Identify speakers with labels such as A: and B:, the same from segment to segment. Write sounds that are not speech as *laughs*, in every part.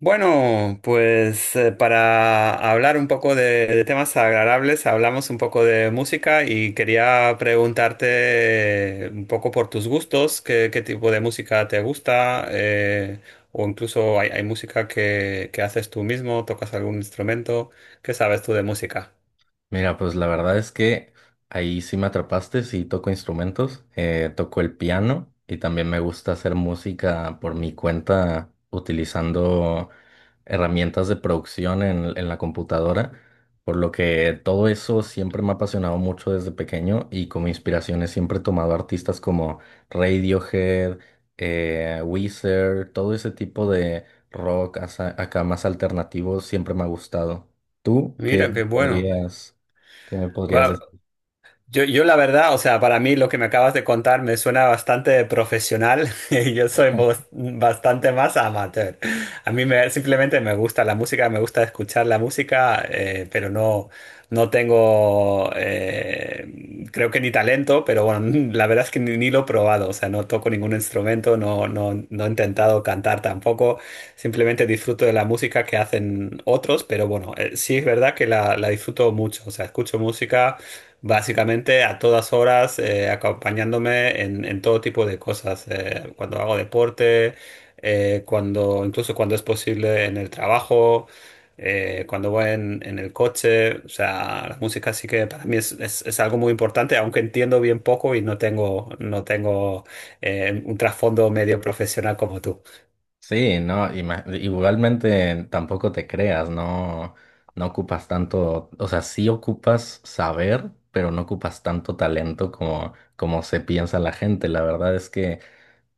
A: Bueno, pues para hablar un poco de temas agradables, hablamos un poco de música y quería preguntarte un poco por tus gustos, qué tipo de música te gusta, o incluso hay música que haces tú mismo, tocas algún instrumento, ¿qué sabes tú de música?
B: Mira, pues la verdad es que ahí sí me atrapaste, sí toco instrumentos, toco el piano y también me gusta hacer música por mi cuenta utilizando herramientas de producción en la computadora, por lo que todo eso siempre me ha apasionado mucho desde pequeño y como inspiraciones siempre he tomado artistas como Radiohead, Weezer, todo ese tipo de rock acá más alternativo siempre me ha gustado. ¿Tú qué
A: Mira, qué bueno.
B: podrías? ¿Qué me podrías
A: Va-
B: decir?
A: yo la verdad, o sea, para mí lo que me acabas de contar me suena bastante profesional *laughs* y yo soy bastante más amateur. A mí me, simplemente me gusta la música, me gusta escuchar la música, pero no tengo, creo que ni talento, pero bueno, *laughs* la verdad es que ni lo he probado, o sea, no toco ningún instrumento, no, no, no he intentado cantar tampoco, simplemente disfruto de la música que hacen otros, pero bueno, sí es verdad que la disfruto mucho, o sea, escucho música básicamente a todas horas acompañándome en todo tipo de cosas, cuando hago deporte, incluso cuando es posible en el trabajo, cuando voy en el coche, o sea, la música sí que para mí es algo muy importante, aunque entiendo bien poco y no tengo, un trasfondo medio profesional como tú.
B: Sí, no, igualmente tampoco te creas, no, no ocupas tanto, o sea, sí ocupas saber, pero no ocupas tanto talento como se piensa la gente. La verdad es que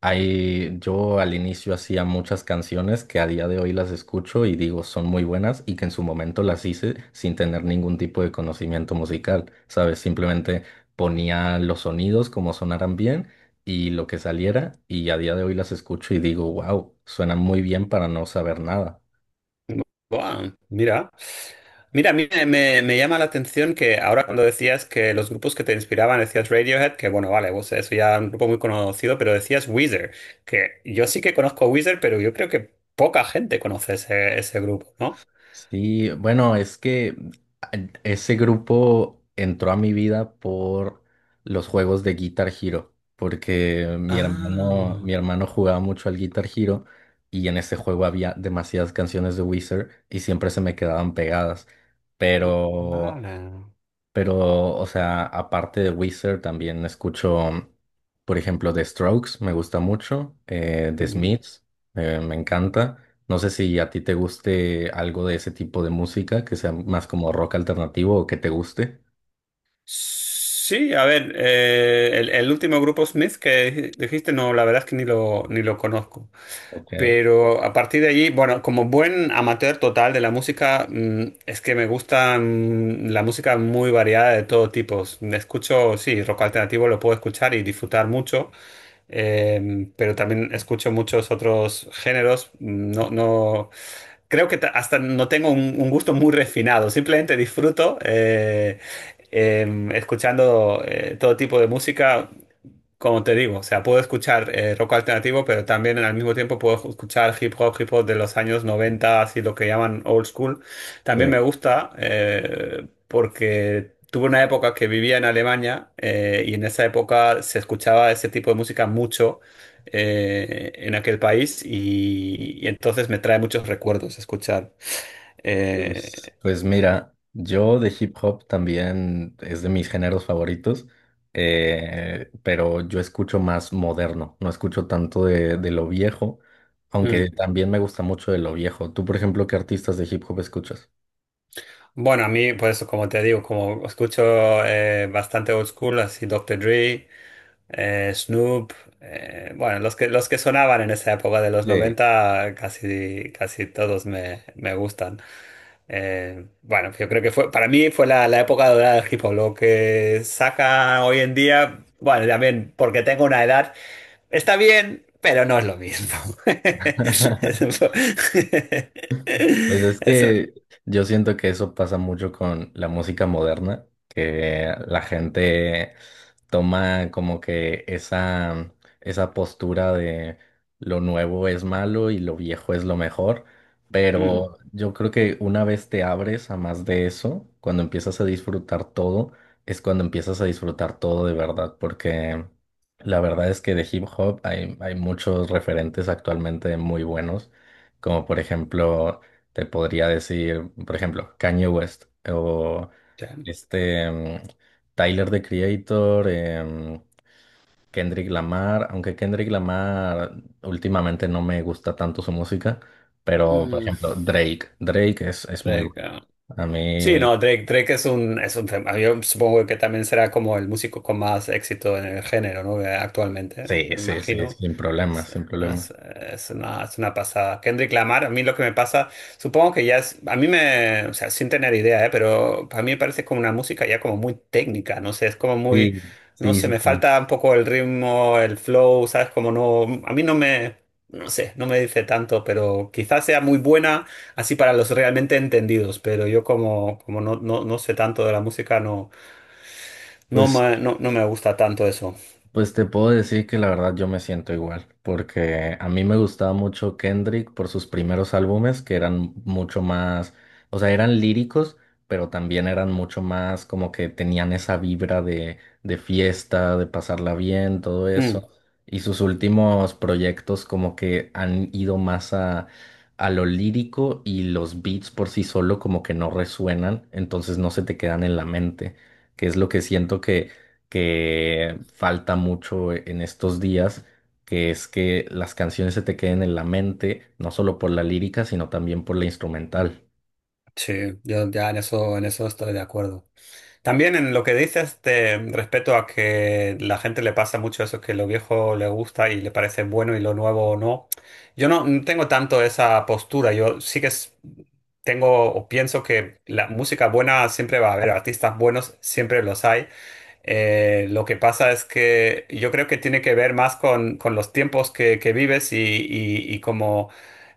B: ahí yo al inicio hacía muchas canciones que a día de hoy las escucho y digo son muy buenas y que en su momento las hice sin tener ningún tipo de conocimiento musical, ¿sabes? Simplemente ponía los sonidos como sonaran bien y lo que saliera y a día de hoy las escucho y digo, wow, suenan muy bien para no saber nada.
A: Buah, mira. Mira, a mí me llama la atención que ahora cuando decías que los grupos que te inspiraban, decías Radiohead, que bueno, vale, pues eso ya es un grupo muy conocido, pero decías Weezer, que yo sí que conozco Weezer, pero yo creo que poca gente conoce ese grupo, ¿no?
B: Sí, bueno, es que a- ese grupo entró a mi vida por los juegos de Guitar Hero, porque mi hermano,
A: Ah,
B: mi hermano jugaba mucho al Guitar Hero y en ese juego había demasiadas canciones de Wizard y siempre se me quedaban pegadas.
A: ah,
B: Pero
A: vale.
B: pero, o sea, aparte de Weezer, también escucho, por ejemplo, The Strokes, me gusta mucho, The
A: Mm.
B: Smiths, me encanta. No sé si a ti te guste algo de ese tipo de música, que sea más como rock alternativo o que te guste.
A: Sí, a ver, el último grupo Smith que dijiste, no, la verdad es que ni lo conozco.
B: Ok.
A: Pero a partir de allí, bueno, como buen amateur total de la música, es que me gusta la música muy variada de todo tipo. Escucho, sí, rock alternativo lo puedo escuchar y disfrutar mucho, pero también escucho muchos otros géneros. No, no, creo que hasta no tengo un gusto muy refinado, simplemente disfruto, escuchando todo tipo de música, como te digo, o sea, puedo escuchar rock alternativo, pero también al mismo tiempo puedo escuchar hip hop de los años 90, así lo que llaman old school. También me
B: Sí.
A: gusta porque tuve una época que vivía en Alemania y en esa época se escuchaba ese tipo de música mucho en aquel país y entonces me trae muchos recuerdos escuchar
B: Pues,
A: eh,
B: Pues mira, yo de hip hop también es de mis géneros favoritos, pero yo escucho más moderno, no escucho tanto de lo viejo,
A: hmm.
B: aunque Ok. también me gusta mucho de lo viejo. Tú, por ejemplo, ¿qué artistas de hip hop escuchas?
A: Bueno, a mí, por eso, como te digo, como escucho bastante old school, así Doctor Dre, Snoop, bueno, los que sonaban en esa época de los
B: Sí.
A: noventa casi, casi todos me gustan. Bueno, yo creo que fue, para mí fue la época dorada del hip hop. Lo que saca hoy en día, bueno, también porque tengo una edad, está bien, pero no es lo mismo. *laughs* Es un
B: *laughs*
A: po- *laughs*
B: Pues es
A: Eso.
B: que yo siento que eso pasa mucho con la música moderna, que la gente toma como que esa postura de lo nuevo es malo y lo viejo es lo mejor,
A: Mm,
B: pero yo creo que una vez te abres a más de eso, cuando empiezas a disfrutar todo, es cuando empiezas a disfrutar todo de verdad, porque la verdad es que de hip hop hay muchos referentes actualmente muy buenos, como por ejemplo... Te podría decir, por ejemplo, Kanye West o
A: sí.
B: este Tyler the Creator, Kendrick Lamar, aunque Kendrick Lamar últimamente no me gusta tanto su música, pero por
A: Mm,
B: ejemplo, Drake, Drake es muy
A: Drake,
B: bueno.
A: ah.
B: A
A: Sí,
B: mí,
A: no, Drake, Drake es un fenómeno. Yo supongo que también será como el músico con más éxito en el género, ¿no? Actualmente,
B: sí,
A: me
B: sí, sí,
A: imagino.
B: sin problemas,
A: Es,
B: sin problemas.
A: es una pasada. Kendrick Lamar, a mí lo que me pasa, supongo que ya es, a mí me, o sea, sin tener idea, ¿eh? Pero a mí me parece como una música ya como muy técnica, no sé, es como
B: Sí,
A: muy, no
B: sí,
A: sé,
B: sí,
A: me
B: sí.
A: falta un poco el ritmo, el flow, ¿sabes? Como no, a mí no me... No sé, no me dice tanto, pero quizás sea muy buena. Así para los realmente entendidos, pero yo como, no, no, no sé tanto de la música, no, no
B: Pues
A: me, no, no me gusta tanto eso.
B: Pues te puedo decir que la verdad yo me siento igual, porque a mí me gustaba mucho Kendrick por sus primeros álbumes, que eran mucho más, o sea, eran líricos, pero también eran mucho más como que tenían esa vibra de fiesta, de pasarla bien, todo
A: Mm,
B: eso. Y sus últimos proyectos como que han ido más a lo lírico y los beats por sí solo como que no resuenan, entonces no se te quedan en la mente, que es lo que siento que falta mucho en estos días, que es que las canciones se te queden en la mente, no solo por la lírica, sino también por la instrumental.
A: sí, yo ya en eso estoy de acuerdo. También en lo que dices respecto a que la gente le pasa mucho eso, que lo viejo le gusta y le parece bueno y lo nuevo no. Yo no tengo tanto esa postura, yo sí que tengo o pienso que la música buena siempre va a haber, artistas buenos siempre los hay. Lo que pasa es que yo creo que tiene que ver más con los tiempos que vives y como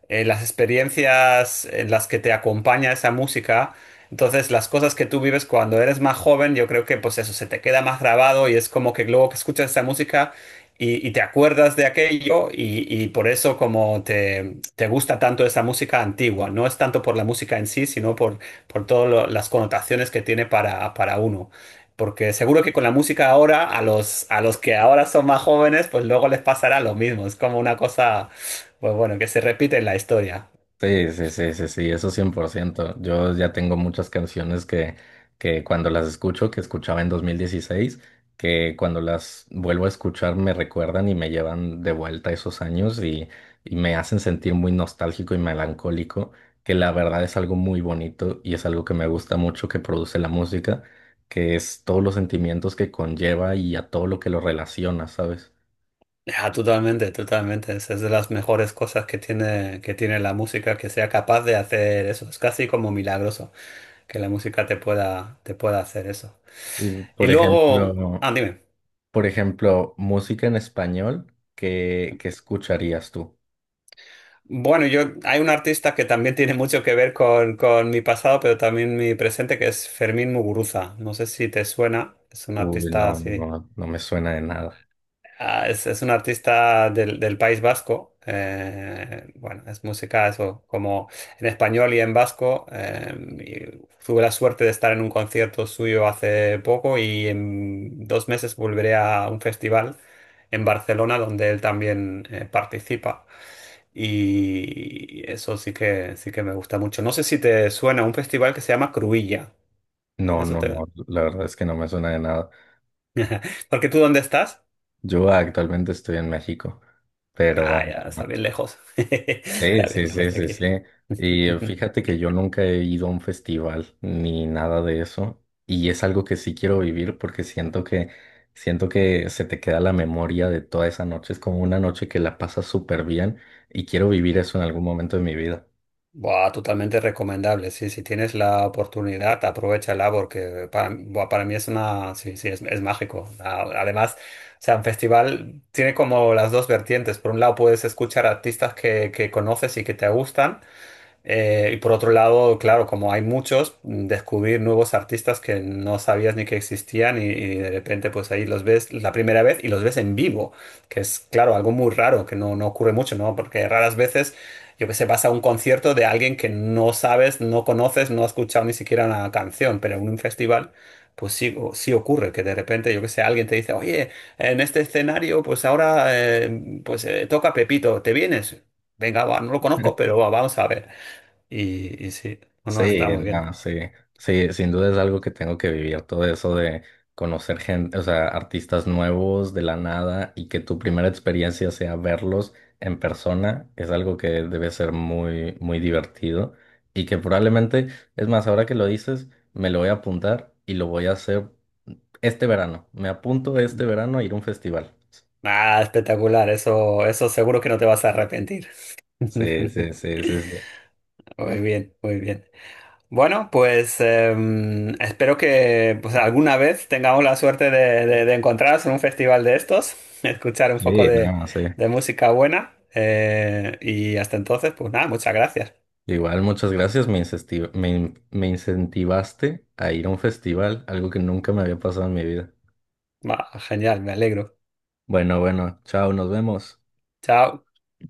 A: las experiencias en las que te acompaña esa música. Entonces, las cosas que tú vives cuando eres más joven, yo creo que pues eso se te queda más grabado y es como que luego que escuchas esa música y te acuerdas de aquello y por eso como te gusta tanto esa música antigua. No es tanto por la música en sí, sino por todas las connotaciones que tiene para uno. Porque seguro que con la música ahora, a los, que ahora son más jóvenes, pues luego les pasará lo mismo. Es como una cosa pues bueno, que se repite la historia.
B: Sí, sí, sí, sí, sí, eso 100%. Yo ya tengo muchas canciones que cuando las escucho, que escuchaba en 2016, que cuando las vuelvo a escuchar me recuerdan y me llevan de vuelta a esos años y me hacen sentir muy nostálgico y melancólico, que la verdad es algo muy bonito y es algo que me gusta mucho que produce la música, que es todos los sentimientos que conlleva y a todo lo que lo relaciona, ¿sabes?
A: Ah, totalmente, totalmente. Esa es de las mejores cosas que tiene la música, que sea capaz de hacer eso. Es casi como milagroso que la música te pueda hacer eso.
B: Y,
A: Y
B: por
A: luego,
B: ejemplo,
A: ah, dime.
B: por ejemplo, música en español, ¿qué, qué escucharías tú?
A: Bueno, yo hay un artista que también tiene mucho que ver con mi pasado, pero también mi presente, que es Fermín Muguruza. No sé si te suena, es un
B: Uy,
A: artista
B: no,
A: así.
B: no, no me suena de nada.
A: Ah, es un artista del País Vasco. Bueno, es música, eso, como en español y en vasco. Y tuve la suerte de estar en un concierto suyo hace poco y en 2 meses volveré a un festival en Barcelona donde él también participa. Y eso sí que me gusta mucho. No sé si te suena un festival que se llama Cruilla.
B: No,
A: Eso
B: no, no,
A: te...
B: la verdad es que no me suena de nada.
A: Porque tú, ¿dónde estás?
B: Yo actualmente estoy en México, pero
A: Ah, ya, está bien lejos. *laughs*
B: sí,
A: Está bien
B: sí,
A: lejos
B: sí,
A: de
B: sí,
A: aquí.
B: sí. Y
A: *laughs*
B: fíjate que yo nunca he ido a un festival ni nada de eso. Y es algo que sí quiero vivir porque siento siento que se te queda la memoria de toda esa noche. Es como una noche que la pasas súper bien y quiero vivir eso en algún momento de mi vida.
A: Buah, totalmente recomendable. Sí, si tienes la oportunidad, aprovéchala porque para mí es una. Sí, sí, es mágico. Además, o sea, un festival tiene como las dos vertientes. Por un lado, puedes escuchar artistas que conoces y que te gustan. Y por otro lado, claro, como hay muchos, descubrir nuevos artistas que no sabías ni que existían y de repente pues ahí los ves la primera vez y los ves en vivo, que es claro, algo muy raro, que no ocurre mucho, ¿no? Porque raras veces, yo que sé, vas a un concierto de alguien que no sabes, no conoces, no has escuchado ni siquiera una canción, pero en un festival... Pues sí, sí ocurre que de repente, yo que sé, alguien te dice, oye, en este escenario, pues ahora, pues toca Pepito, ¿te vienes? Venga, va, no lo conozco, pero va, vamos a ver. Y sí, no, no,
B: Sí,
A: está muy bien.
B: no, sí, sí, sin duda es algo que tengo que vivir, todo eso de conocer gente, o sea, artistas nuevos de la nada y que tu primera experiencia sea verlos en persona, es algo que debe ser muy, muy divertido y que probablemente, es más, ahora que lo dices, me lo voy a apuntar y lo voy a hacer este verano, me apunto este verano a ir a un festival.
A: Ah, espectacular, eso seguro que no te vas a arrepentir.
B: Sí, sí,
A: *laughs*
B: sí, sí, sí,
A: Muy bien, muy bien. Bueno, pues espero que pues, alguna vez tengamos la suerte de encontrarnos en un festival de estos, *laughs* escuchar un poco
B: sí,
A: de,
B: no, sí.
A: de música buena. Y hasta entonces, pues nada, muchas gracias.
B: Igual, muchas gracias. Me incesti- me in- me incentivaste a ir a un festival, algo que nunca me había pasado en mi vida.
A: Va, genial, me alegro.
B: Bueno, bueno, chao, nos vemos.
A: Chao.